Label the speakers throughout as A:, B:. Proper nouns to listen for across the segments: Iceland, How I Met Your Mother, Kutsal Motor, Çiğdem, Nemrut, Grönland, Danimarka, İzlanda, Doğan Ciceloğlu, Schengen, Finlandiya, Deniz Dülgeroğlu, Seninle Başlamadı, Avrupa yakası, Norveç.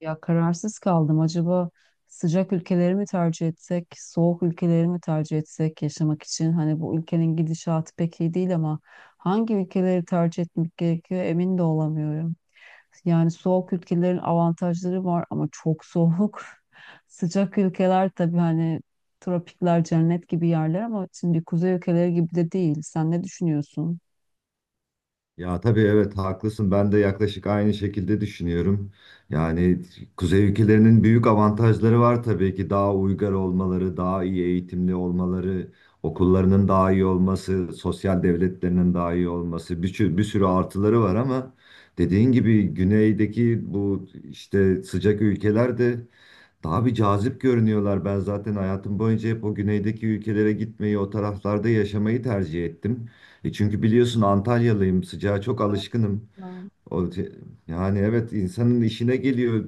A: Ya kararsız kaldım. Acaba sıcak ülkeleri mi tercih etsek, soğuk ülkeleri mi tercih etsek yaşamak için? Hani bu ülkenin gidişatı pek iyi değil ama hangi ülkeleri tercih etmek gerekiyor emin de olamıyorum. Yani soğuk ülkelerin avantajları var ama çok soğuk. Sıcak ülkeler tabii hani tropikler cennet gibi yerler ama şimdi kuzey ülkeleri gibi de değil. Sen ne düşünüyorsun?
B: Ya tabii evet haklısın. Ben de yaklaşık aynı şekilde düşünüyorum. Yani kuzey ülkelerinin büyük avantajları var tabii ki. Daha uygar olmaları, daha iyi eğitimli olmaları, okullarının daha iyi olması, sosyal devletlerinin daha iyi olması, bir sürü artıları var ama dediğin gibi güneydeki bu işte sıcak ülkeler de daha bir cazip görünüyorlar. Ben zaten hayatım boyunca hep o güneydeki ülkelere gitmeyi, o taraflarda yaşamayı tercih ettim. E çünkü biliyorsun Antalyalıyım, sıcağa çok alışkınım. O, te- yani evet insanın işine geliyor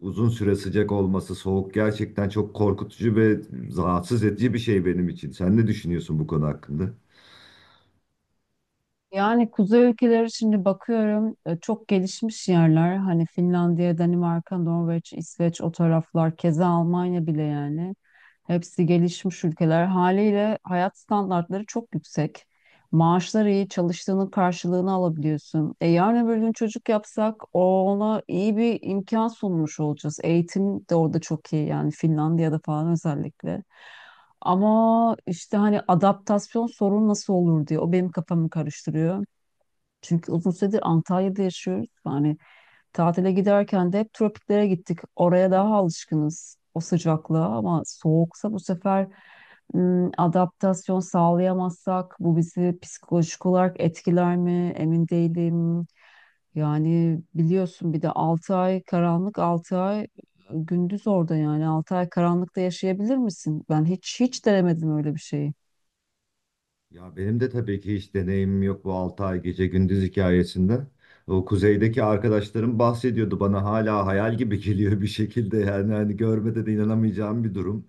B: uzun süre sıcak olması, soğuk gerçekten çok korkutucu ve rahatsız edici bir şey benim için. Sen ne düşünüyorsun bu konu hakkında?
A: Yani kuzey ülkeleri şimdi bakıyorum çok gelişmiş yerler. Hani Finlandiya, Danimarka, Norveç, İsveç o taraflar keza Almanya bile yani. Hepsi gelişmiş ülkeler. Haliyle hayat standartları çok yüksek. Maaşlar iyi, çalıştığının karşılığını alabiliyorsun. E yarın öbür gün çocuk yapsak ona iyi bir imkan sunmuş olacağız. Eğitim de orada çok iyi yani Finlandiya'da falan özellikle. Ama işte hani adaptasyon sorun nasıl olur diye o benim kafamı karıştırıyor. Çünkü uzun süredir Antalya'da yaşıyoruz. Yani tatile giderken de hep tropiklere gittik. Oraya daha alışkınız o sıcaklığa ama soğuksa bu sefer adaptasyon sağlayamazsak bu bizi psikolojik olarak etkiler mi emin değilim. Yani biliyorsun bir de 6 ay karanlık 6 ay gündüz orada yani 6 ay karanlıkta yaşayabilir misin? Ben hiç denemedim öyle bir şeyi.
B: Ya benim de tabii ki hiç deneyimim yok bu 6 ay gece gündüz hikayesinde. O kuzeydeki arkadaşlarım bahsediyordu bana hala hayal gibi geliyor bir şekilde yani hani görmede de inanamayacağım bir durum.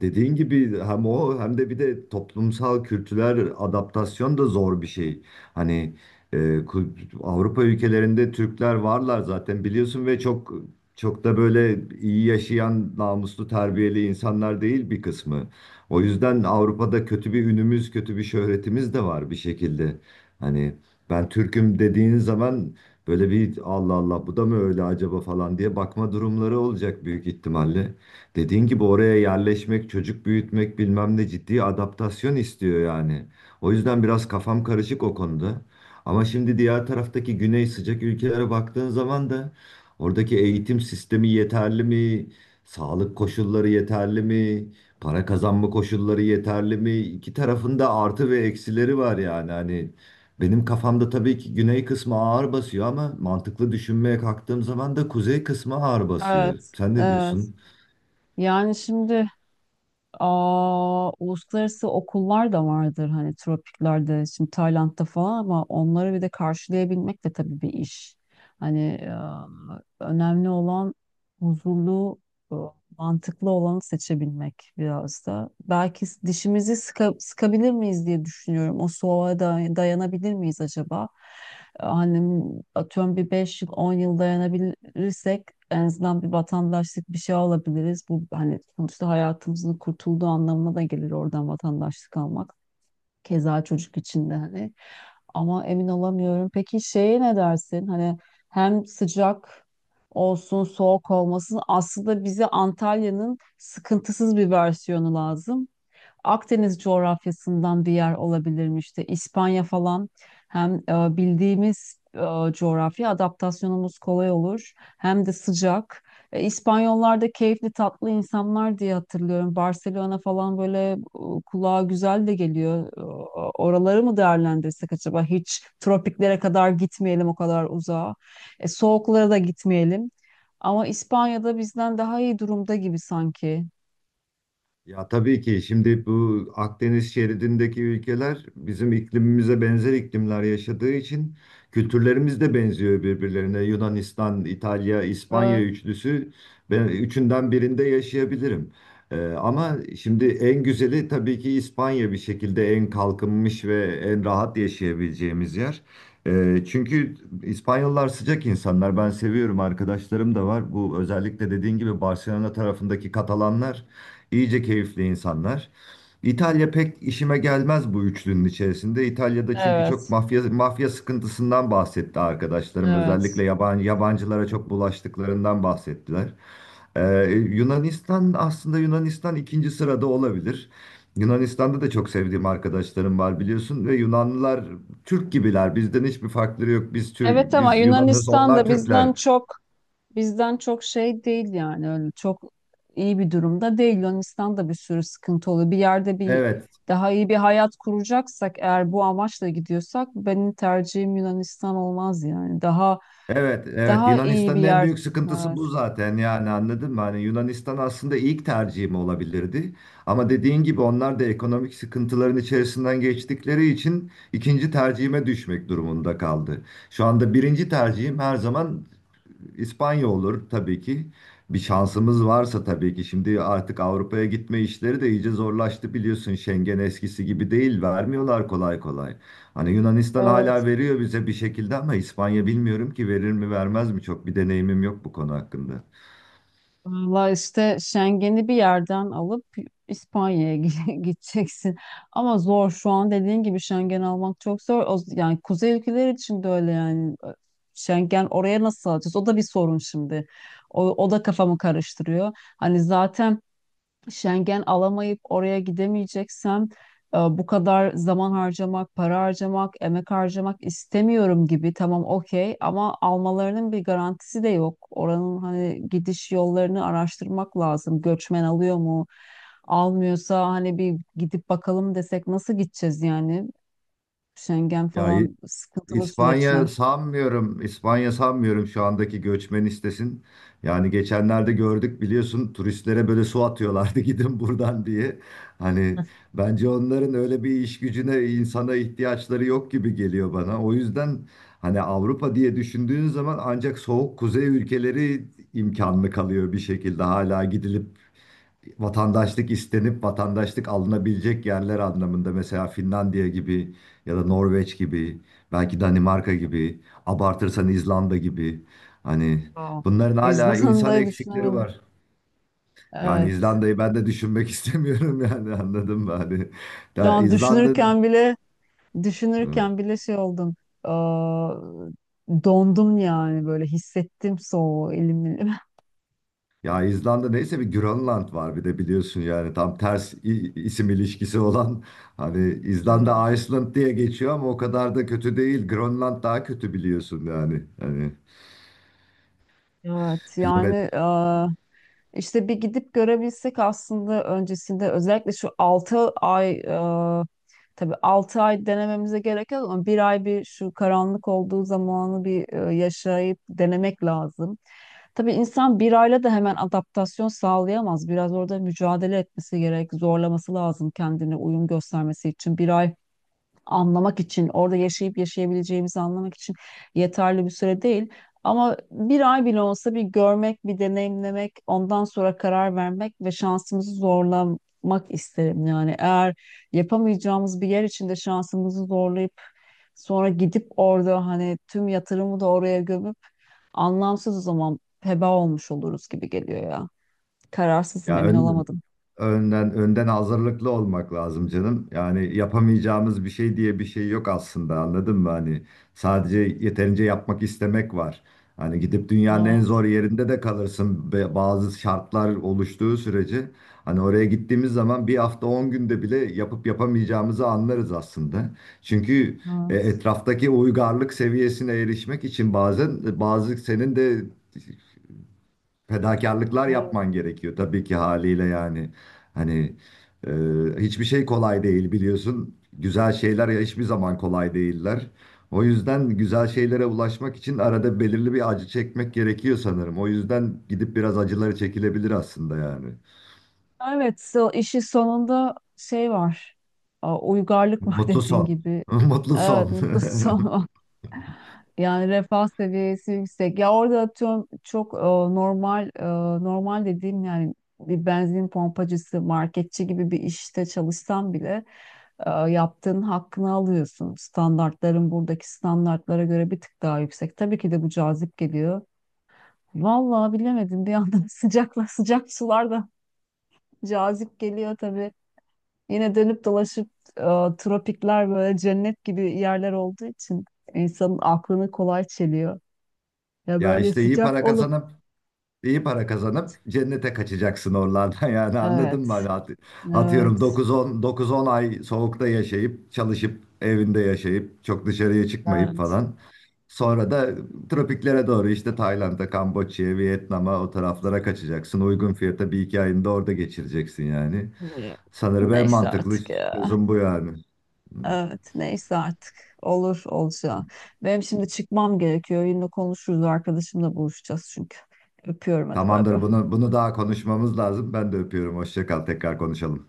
B: Dediğin gibi hem o hem de bir de toplumsal kültürel adaptasyon da zor bir şey. Hani e, kü- Avrupa ülkelerinde Türkler varlar zaten biliyorsun ve çok çok da böyle iyi yaşayan, namuslu, terbiyeli insanlar değil bir kısmı. O yüzden Avrupa'da kötü bir ünümüz, kötü bir şöhretimiz de var bir şekilde. Hani ben Türk'üm dediğin zaman böyle bir Allah Allah bu da mı öyle acaba falan diye bakma durumları olacak büyük ihtimalle. Dediğin gibi oraya yerleşmek, çocuk büyütmek bilmem ne ciddi adaptasyon istiyor yani. O yüzden biraz kafam karışık o konuda. Ama şimdi diğer taraftaki güney sıcak ülkelere baktığın zaman da oradaki eğitim sistemi yeterli mi? Sağlık koşulları yeterli mi? Para kazanma koşulları yeterli mi? İki tarafında artı ve eksileri var yani. Hani benim kafamda tabii ki güney kısmı ağır basıyor ama mantıklı düşünmeye kalktığım zaman da kuzey kısmı ağır basıyor.
A: Evet,
B: Sen ne
A: evet.
B: diyorsun?
A: Yani şimdi uluslararası okullar da vardır hani tropiklerde, şimdi Tayland'da falan ama onları bir de karşılayabilmek de tabii bir iş. Hani önemli olan huzurlu, mantıklı olanı seçebilmek biraz da. Belki dişimizi sıkabilir miyiz diye düşünüyorum. O soğuğa dayanabilir miyiz acaba? Hani atıyorum bir 5 yıl 10 yıl dayanabilirsek en azından bir vatandaşlık bir şey alabiliriz. Bu hani sonuçta hayatımızın kurtulduğu anlamına da gelir oradan vatandaşlık almak. Keza çocuk için de hani. Ama emin olamıyorum. Peki şeye ne dersin? Hani hem sıcak olsun, soğuk olmasın. Aslında bize Antalya'nın sıkıntısız bir versiyonu lazım. Akdeniz coğrafyasından bir yer olabilirmiş işte İspanya falan, hem bildiğimiz coğrafya adaptasyonumuz kolay olur hem de sıcak. İspanyollar da keyifli tatlı insanlar diye hatırlıyorum. Barcelona falan böyle kulağa güzel de geliyor. Oraları mı değerlendirsek acaba? Hiç tropiklere kadar gitmeyelim o kadar uzağa. Soğuklara da gitmeyelim. Ama İspanya'da bizden daha iyi durumda gibi sanki.
B: Ya tabii ki şimdi bu Akdeniz şeridindeki ülkeler bizim iklimimize benzer iklimler yaşadığı için kültürlerimiz de benziyor birbirlerine. Yunanistan, İtalya, İspanya
A: Evet,
B: üçlüsü, ben üçünden birinde yaşayabilirim. Ama şimdi en güzeli tabii ki İspanya bir şekilde en kalkınmış ve en rahat yaşayabileceğimiz yer. Çünkü İspanyollar sıcak insanlar. Ben seviyorum, arkadaşlarım da var. Bu özellikle dediğin gibi Barcelona tarafındaki Katalanlar. İyice keyifli insanlar. İtalya pek işime gelmez bu üçlünün içerisinde. İtalya'da çünkü çok
A: evet.
B: mafya mafya sıkıntısından bahsetti arkadaşlarım.
A: Evet.
B: Özellikle yabancı yabancılara çok bulaştıklarından bahsettiler. Ee, Yunanistan, aslında Yunanistan ikinci sırada olabilir. Yunanistan'da da çok sevdiğim arkadaşlarım var biliyorsun ve Yunanlılar Türk gibiler. Bizden hiçbir farkları yok. Biz
A: Evet
B: Türk,
A: ama
B: biz Yunanız,
A: Yunanistan
B: onlar
A: da bizden
B: Türkler.
A: çok bizden çok şey değil yani öyle çok iyi bir durumda değil. Yunanistan'da bir sürü sıkıntı oluyor. Bir yerde bir
B: Evet.
A: daha iyi bir hayat kuracaksak eğer bu amaçla gidiyorsak benim tercihim Yunanistan olmaz yani. Daha
B: Evet, evet.
A: daha iyi bir
B: Yunanistan'ın en
A: yer.
B: büyük sıkıntısı
A: Evet.
B: bu zaten yani anladın mı? Hani Yunanistan aslında ilk tercihim olabilirdi. Ama dediğin gibi onlar da ekonomik sıkıntıların içerisinden geçtikleri için ikinci tercihime düşmek durumunda kaldı. Şu anda birinci tercihim her zaman İspanya olur tabii ki. Bir şansımız varsa tabii ki. Şimdi artık Avrupa'ya gitme işleri de iyice zorlaştı biliyorsun. Schengen eskisi gibi değil. Vermiyorlar kolay kolay. Hani Yunanistan
A: Evet.
B: hala veriyor bize bir şekilde ama İspanya bilmiyorum ki verir mi vermez mi, çok bir deneyimim yok bu konu hakkında.
A: Valla işte Schengen'i bir yerden alıp İspanya'ya gideceksin. Ama zor şu an dediğin gibi Schengen almak çok zor. Yani kuzey ülkeleri için de öyle yani. Schengen oraya nasıl alacağız? O da bir sorun şimdi. O da kafamı karıştırıyor. Hani zaten Schengen alamayıp oraya gidemeyeceksem bu kadar zaman harcamak, para harcamak, emek harcamak istemiyorum gibi. Tamam okey, ama almalarının bir garantisi de yok. Oranın hani gidiş yollarını araştırmak lazım. Göçmen alıyor mu? Almıyorsa hani bir gidip bakalım desek nasıl gideceğiz yani? Schengen
B: Ya
A: falan sıkıntılı
B: İspanya
A: süreçler.
B: sanmıyorum. İspanya sanmıyorum şu andaki göçmen istesin. Yani geçenlerde gördük biliyorsun, turistlere böyle su atıyorlardı gidin buradan diye. Hani bence onların öyle bir iş gücüne, insana ihtiyaçları yok gibi geliyor bana. O yüzden hani Avrupa diye düşündüğün zaman ancak soğuk kuzey ülkeleri imkanlı kalıyor bir şekilde, hala gidilip vatandaşlık istenip vatandaşlık alınabilecek yerler anlamında mesela Finlandiya gibi ya da Norveç gibi, belki Danimarka gibi, abartırsan İzlanda gibi, hani
A: Aa,
B: bunların
A: O
B: hala
A: yüzden
B: insan
A: de
B: eksikleri
A: düşünemedim.
B: var. Yani
A: Evet.
B: İzlanda'yı ben de düşünmek istemiyorum yani anladın mı? Hani
A: Şu
B: ya
A: an
B: İzlanda'nın
A: düşünürken bile Düşünürken bile şey oldum. Aa, Dondum yani, böyle hissettim soğuğu, elim elim.
B: Ya İzlanda neyse, bir Grönland var bir de biliyorsun yani, tam ters isim ilişkisi olan, hani
A: Hmm.
B: İzlanda Iceland diye geçiyor ama o kadar da kötü değil. Grönland daha kötü biliyorsun yani. Hani
A: Evet
B: bilemedim.
A: yani işte bir gidip görebilsek aslında, öncesinde özellikle şu 6 ay tabii 6 ay denememize gerek yok ama bir ay, bir şu karanlık olduğu zamanı bir yaşayıp denemek lazım. Tabii insan bir ayla da hemen adaptasyon sağlayamaz. Biraz orada mücadele etmesi gerek, zorlaması lazım kendine uyum göstermesi için. Bir ay anlamak için, orada yaşayıp yaşayabileceğimizi anlamak için yeterli bir süre değil. Ama bir ay bile olsa bir görmek, bir deneyimlemek, ondan sonra karar vermek ve şansımızı zorlamak isterim. Yani eğer yapamayacağımız bir yer içinde şansımızı zorlayıp sonra gidip orada hani tüm yatırımı da oraya gömüp, anlamsız o zaman, heba olmuş oluruz gibi geliyor ya. Kararsızım,
B: Ya
A: emin
B: ön-
A: olamadım.
B: Önden önden hazırlıklı olmak lazım canım. Yani yapamayacağımız bir şey diye bir şey yok aslında. Anladın mı? Hani sadece yeterince yapmak istemek var. Hani gidip dünyanın en zor
A: Evet,
B: yerinde de kalırsın. Bazı şartlar oluştuğu sürece hani oraya gittiğimiz zaman bir hafta 10 günde bile yapıp yapamayacağımızı anlarız aslında. Çünkü
A: evet,
B: etraftaki uygarlık seviyesine erişmek için bazen bazı senin de fedakarlıklar
A: evet.
B: yapman gerekiyor tabii ki haliyle yani. Hani e, hiçbir şey kolay değil biliyorsun. Güzel şeyler ya hiçbir zaman kolay değiller. O yüzden güzel şeylere ulaşmak için arada belirli bir acı çekmek gerekiyor sanırım. O yüzden gidip biraz acıları çekilebilir aslında yani.
A: Evet, işin sonunda şey var. Uygarlık var
B: Mutlu
A: dediğin
B: son.
A: gibi.
B: Mutlu
A: Evet,
B: son.
A: mutlu son var. Yani refah seviyesi yüksek. Ya orada atıyorum çok normal normal dediğim yani bir benzin pompacısı, marketçi gibi bir işte çalışsan bile yaptığın hakkını alıyorsun. Standartların buradaki standartlara göre bir tık daha yüksek. Tabii ki de bu cazip geliyor. Vallahi bilemedim, bir yandan sıcakla sıcak sular da cazip geliyor tabii. Yine dönüp dolaşıp e, tropikler böyle cennet gibi yerler olduğu için insanın aklını kolay çeliyor. Ya
B: Ya
A: böyle
B: işte iyi
A: sıcak
B: para
A: olup,
B: kazanan İyi para kazanıp cennete kaçacaksın oralardan yani anladın mı?
A: evet,
B: Hani atıyorum
A: evet,
B: 9-10 ay soğukta yaşayıp çalışıp evinde yaşayıp çok dışarıya çıkmayıp
A: evet,
B: falan. Sonra da tropiklere doğru işte Tayland'a, Kamboçya'ya, Vietnam'a o taraflara kaçacaksın. Uygun fiyata bir iki ayını da orada geçireceksin yani.
A: evet.
B: Sanırım en
A: Neyse
B: mantıklı
A: artık ya.
B: çözüm bu yani.
A: Evet, neyse artık. Olur olacak. Benim şimdi çıkmam gerekiyor. Yine konuşuruz. Arkadaşımla buluşacağız çünkü. Öpüyorum, hadi bay bay.
B: Tamamdır, bunu daha konuşmamız lazım. Ben de öpüyorum. Hoşça kal. Tekrar konuşalım.